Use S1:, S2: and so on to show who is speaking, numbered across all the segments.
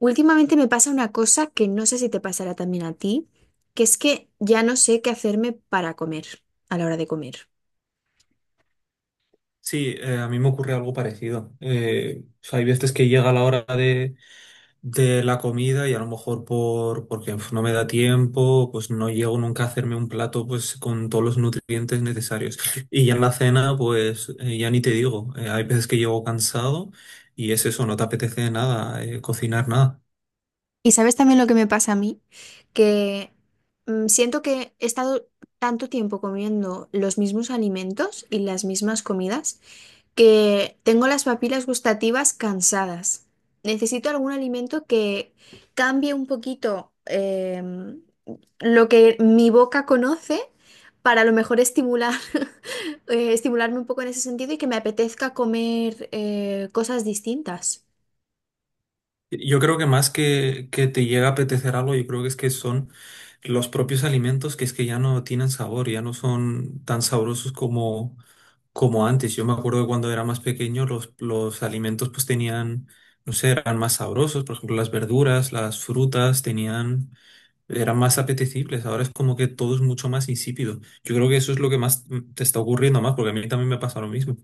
S1: Últimamente me pasa una cosa que no sé si te pasará también a ti, que es que ya no sé qué hacerme para comer a la hora de comer.
S2: Sí, a mí me ocurre algo parecido. O sea, hay veces que llega la hora de la comida y a lo mejor porque no me da tiempo, pues no llego nunca a hacerme un plato pues con todos los nutrientes necesarios. Y ya en la cena, pues ya ni te digo. Hay veces que llego cansado y es eso, no te apetece nada, cocinar nada.
S1: Y sabes también lo que me pasa a mí, que siento que he estado tanto tiempo comiendo los mismos alimentos y las mismas comidas que tengo las papilas gustativas cansadas. Necesito algún alimento que cambie un poquito lo que mi boca conoce para a lo mejor estimular, estimularme un poco en ese sentido y que me apetezca comer cosas distintas.
S2: Yo creo que más que te llega a apetecer algo, yo creo que es que son los propios alimentos que es que ya no tienen sabor, ya no son tan sabrosos como antes. Yo me acuerdo de cuando era más pequeño, los alimentos pues tenían, no sé, eran más sabrosos. Por ejemplo, las verduras, las frutas tenían, eran más apetecibles. Ahora es como que todo es mucho más insípido. Yo creo que eso es lo que más te está ocurriendo más, porque a mí también me pasa lo mismo.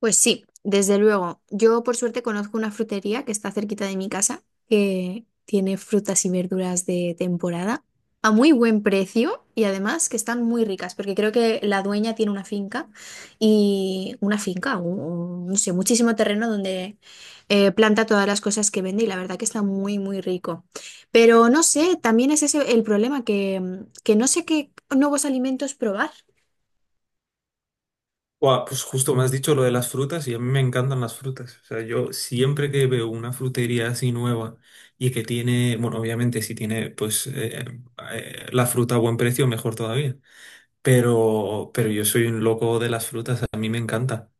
S1: Pues sí, desde luego. Yo por suerte conozco una frutería que está cerquita de mi casa, que tiene frutas y verduras de temporada a muy buen precio y además que están muy ricas, porque creo que la dueña tiene una finca y una finca, no sé, muchísimo terreno donde planta todas las cosas que vende y la verdad que está muy, muy rico. Pero no sé, también es ese el problema que no sé qué nuevos alimentos probar.
S2: Buah, pues justo me has dicho lo de las frutas y a mí me encantan las frutas. O sea, yo siempre que veo una frutería así nueva y que tiene, bueno, obviamente si tiene pues la fruta a buen precio, mejor todavía. Pero yo soy un loco de las frutas, a mí me encanta.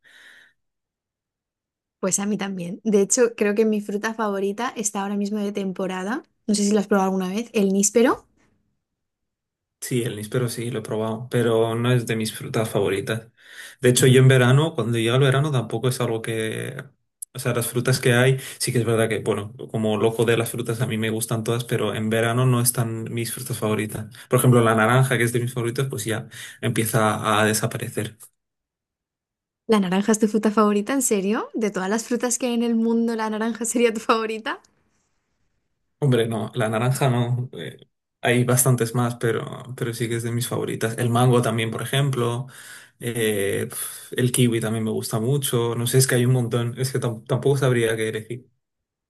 S1: Pues a mí también. De hecho, creo que mi fruta favorita está ahora mismo de temporada. No sé si la has probado alguna vez. El níspero.
S2: Sí, el níspero sí, lo he probado, pero no es de mis frutas favoritas. De hecho, yo en verano, cuando llega el verano, tampoco es algo que… O sea, las frutas que hay, sí que es verdad que, bueno, como loco de las frutas, a mí me gustan todas, pero en verano no están mis frutas favoritas. Por ejemplo, la naranja, que es de mis favoritos, pues ya empieza a desaparecer.
S1: ¿La naranja es tu fruta favorita? ¿En serio? ¿De todas las frutas que hay en el mundo, la naranja sería tu favorita?
S2: Hombre, no, la naranja no. Hay bastantes más, pero sí que es de mis favoritas. El mango también, por ejemplo. El kiwi también me gusta mucho. No sé, es que hay un montón. Es que tampoco sabría qué elegir.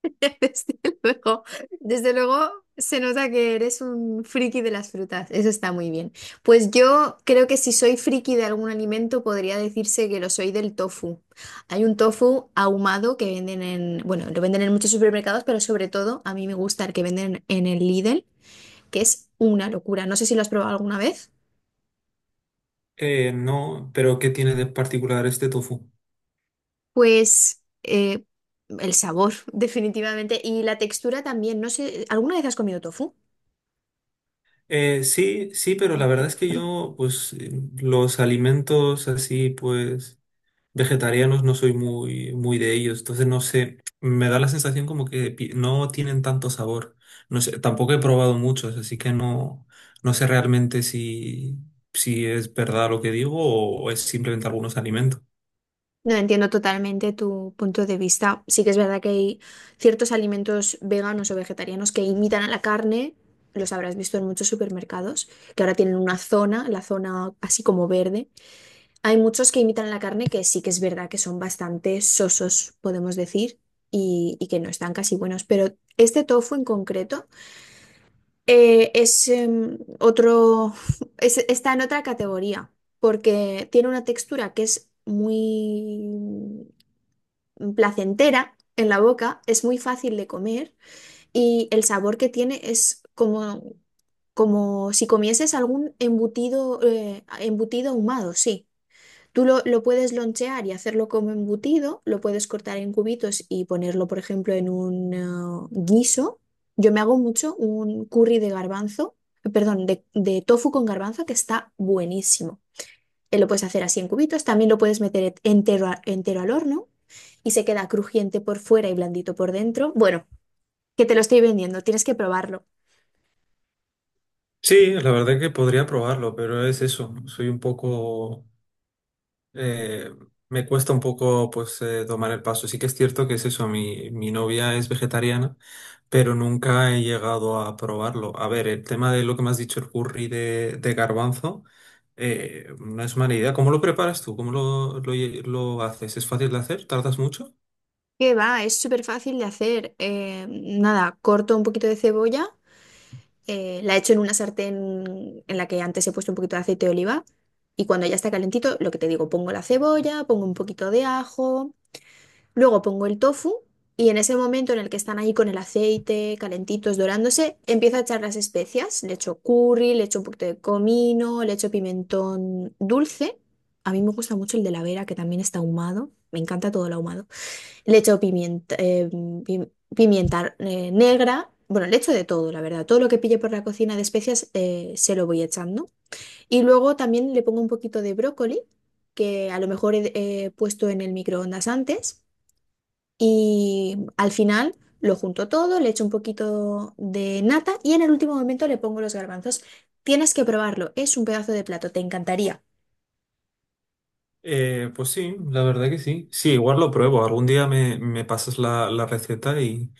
S1: Desde luego, desde luego se nota que eres un friki de las frutas. Eso está muy bien. Pues yo creo que si soy friki de algún alimento, podría decirse que lo soy del tofu. Hay un tofu ahumado que venden en, bueno, lo venden en muchos supermercados, pero sobre todo a mí me gusta el que venden en el Lidl, que es una locura. No sé si lo has probado alguna vez.
S2: No, pero ¿qué tiene de particular este tofu?
S1: Pues eh, el sabor, definitivamente. Y la textura también. No sé, ¿alguna vez has comido tofu?
S2: Sí, sí, pero la verdad es que yo, pues, los alimentos así, pues. Vegetarianos no soy muy de ellos, entonces no sé, me da la sensación como que no tienen tanto sabor. No sé, tampoco he probado muchos, así que no, no sé realmente si, si es verdad lo que digo o es simplemente algunos alimentos.
S1: No entiendo totalmente tu punto de vista. Sí que es verdad que hay ciertos alimentos veganos o vegetarianos que imitan a la carne. Los habrás visto en muchos supermercados, que ahora tienen una zona, la zona así como verde. Hay muchos que imitan la carne que sí que es verdad que son bastante sosos, podemos decir, y, que no están casi buenos. Pero este tofu en concreto es otro, está en otra categoría, porque tiene una textura que es muy placentera en la boca, es muy fácil de comer y el sabor que tiene es como, como si comieses algún embutido, embutido ahumado, sí. Tú lo puedes lonchear y hacerlo como embutido, lo puedes cortar en cubitos y ponerlo, por ejemplo, en un guiso. Yo me hago mucho un curry de garbanzo, perdón, de tofu con garbanzo que está buenísimo. Lo puedes hacer así en cubitos, también lo puedes meter entero, entero al horno y se queda crujiente por fuera y blandito por dentro. Bueno, que te lo estoy vendiendo, tienes que probarlo.
S2: Sí, la verdad que podría probarlo, pero es eso, soy un poco eh, me cuesta un poco pues tomar el paso. Sí que es cierto que es eso, mi novia es vegetariana, pero nunca he llegado a probarlo. A ver, el tema de lo que me has dicho, el curry de garbanzo, no es mala idea. ¿Cómo lo preparas tú? ¿Cómo lo haces? ¿Es fácil de hacer? ¿Tardas mucho?
S1: Que va, es súper fácil de hacer. Nada, corto un poquito de cebolla. La echo en una sartén en la que antes he puesto un poquito de aceite de oliva y cuando ya está calentito, lo que te digo, pongo la cebolla, pongo un poquito de ajo, luego pongo el tofu y en ese momento en el que están ahí con el aceite calentitos dorándose, empiezo a echar las especias, le echo curry, le echo un poquito de comino, le echo pimentón dulce. A mí me gusta mucho el de la Vera, que también está ahumado. Me encanta todo lo ahumado. Le echo pimienta, pi- pimienta negra. Bueno, le echo de todo, la verdad. Todo lo que pille por la cocina de especias se lo voy echando. Y luego también le pongo un poquito de brócoli, que a lo mejor he puesto en el microondas antes. Y al final lo junto todo, le echo un poquito de nata y en el último momento le pongo los garbanzos. Tienes que probarlo, es un pedazo de plato, te encantaría.
S2: Pues sí, la verdad que sí. Sí, igual lo pruebo. Algún día me pasas la receta y,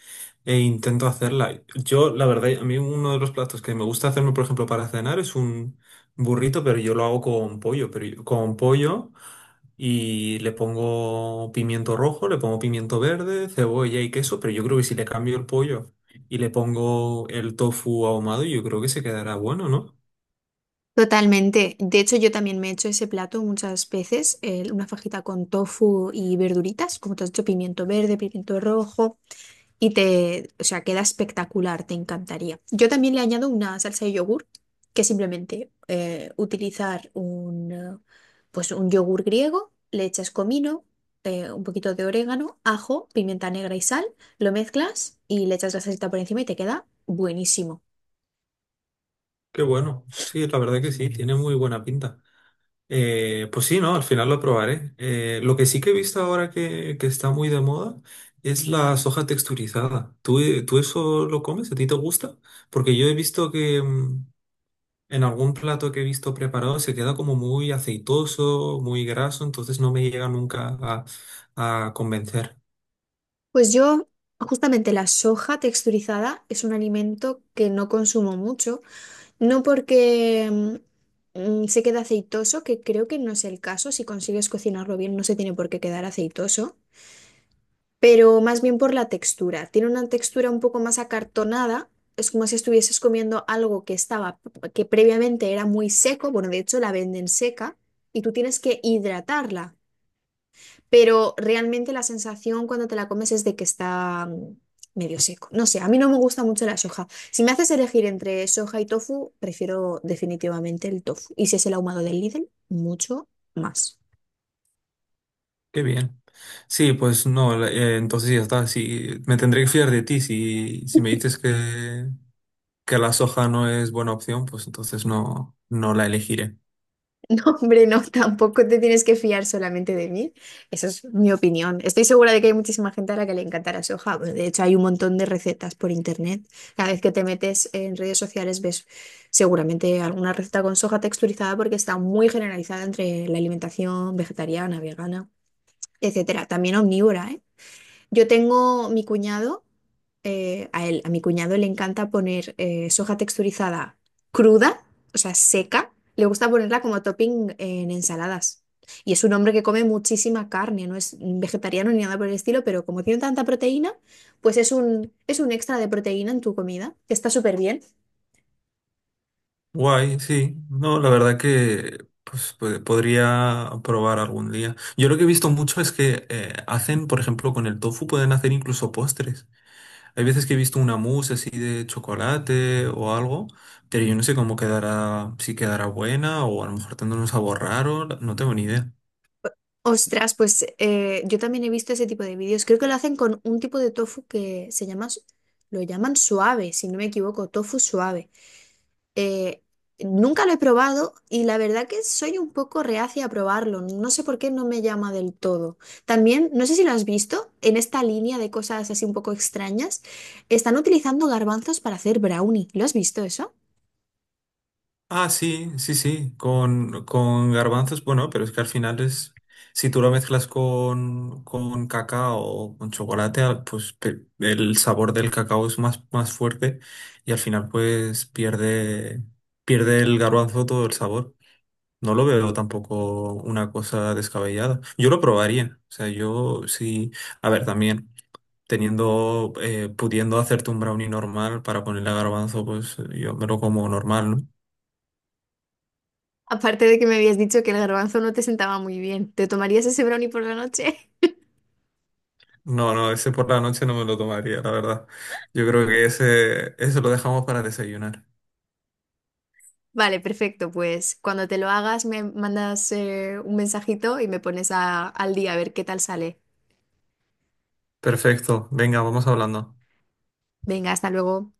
S2: e intento hacerla. Yo, la verdad, a mí uno de los platos que me gusta hacerme, por ejemplo, para cenar es un burrito, pero yo lo hago con pollo, pero yo- con pollo y le pongo pimiento rojo, le pongo pimiento verde, cebolla y queso, pero yo creo que si le cambio el pollo y le pongo el tofu ahumado, yo creo que se quedará bueno, ¿no?
S1: Totalmente. De hecho, yo también me he hecho ese plato muchas veces, una fajita con tofu y verduritas, como te has dicho, pimiento verde, pimiento rojo, o sea, queda espectacular, te encantaría. Yo también le añado una salsa de yogur, que es simplemente utilizar pues un yogur griego, le echas comino, un poquito de orégano, ajo, pimienta negra y sal, lo mezclas y le echas la salsita por encima y te queda buenísimo.
S2: Qué bueno. Sí, la verdad que sí, tiene muy buena pinta. Pues sí, ¿no? Al final lo probaré. Lo que sí que he visto ahora que está muy de moda es la soja texturizada. ¿Tú, tú eso lo comes? ¿A ti te gusta? Porque yo he visto que en algún plato que he visto preparado se queda como muy aceitoso, muy graso, entonces no me llega nunca a convencer.
S1: Pues yo, justamente la soja texturizada es un alimento que no consumo mucho, no porque se quede aceitoso, que creo que no es el caso, si consigues cocinarlo bien no se tiene por qué quedar aceitoso, pero más bien por la textura. Tiene una textura un poco más acartonada, es como si estuvieses comiendo algo que estaba, que previamente era muy seco, bueno, de hecho la venden seca y tú tienes que hidratarla, pero realmente la sensación cuando te la comes es de que está medio seco. No sé, a mí no me gusta mucho la soja. Si me haces elegir entre soja y tofu, prefiero definitivamente el tofu. Y si es el ahumado del Lidl, mucho más.
S2: Qué bien. Sí, pues no, entonces ya está. Sí, me tendré que fiar de ti si, si me dices que la soja no es buena opción, pues entonces no, no la elegiré.
S1: Hombre, no, tampoco te tienes que fiar solamente de mí. Eso es mi opinión. Estoy segura de que hay muchísima gente a la que le encantará soja. Bueno, de hecho, hay un montón de recetas por internet. Cada vez que te metes en redes sociales ves seguramente alguna receta con soja texturizada porque está muy generalizada entre la alimentación vegetariana, vegana, etcétera. También omnívora, ¿eh? Yo tengo mi cuñado, a él, a mi cuñado le encanta poner soja texturizada cruda, o sea, seca. Le gusta ponerla como topping en ensaladas. Y es un hombre que come muchísima carne, no es vegetariano ni nada por el estilo, pero como tiene tanta proteína, pues es un extra de proteína en tu comida, que está súper bien.
S2: Guay, sí. No, la verdad que pues, podría probar algún día. Yo lo que he visto mucho es que hacen, por ejemplo, con el tofu pueden hacer incluso postres. Hay veces que he visto una mousse así de chocolate o algo, pero yo no sé cómo quedará, si quedará buena o a lo mejor tendrá un sabor raro, no tengo ni idea.
S1: Ostras, yo también he visto ese tipo de vídeos. Creo que lo hacen con un tipo de tofu que se llama, lo llaman suave, si no me equivoco, tofu suave. Eh, nunca lo he probado y la verdad que soy un poco reacia a probarlo. No sé por qué no me llama del todo. También, no sé si lo has visto, en esta línea de cosas así un poco extrañas, están utilizando garbanzos para hacer brownie. ¿Lo has visto eso?
S2: Ah, sí, sí, sí, con garbanzos, bueno, pero es que al final es, si tú lo mezclas con cacao o con chocolate, el sabor del cacao es más, más fuerte y al final pues pierde, pierde el garbanzo todo el sabor. No lo veo tampoco una cosa descabellada. Yo lo probaría, o sea, yo sí, a ver, también teniendo, pudiendo hacerte un brownie normal para ponerle garbanzo, pues yo me lo como normal, ¿no?
S1: Aparte de que me habías dicho que el garbanzo no te sentaba muy bien, ¿te tomarías ese brownie por la noche?
S2: No, no, ese por la noche no me lo tomaría, la verdad. Yo creo que ese lo dejamos para desayunar.
S1: Vale, perfecto. Pues cuando te lo hagas me mandas un mensajito y me pones al día a ver qué tal sale.
S2: Perfecto, venga, vamos hablando.
S1: Venga, hasta luego.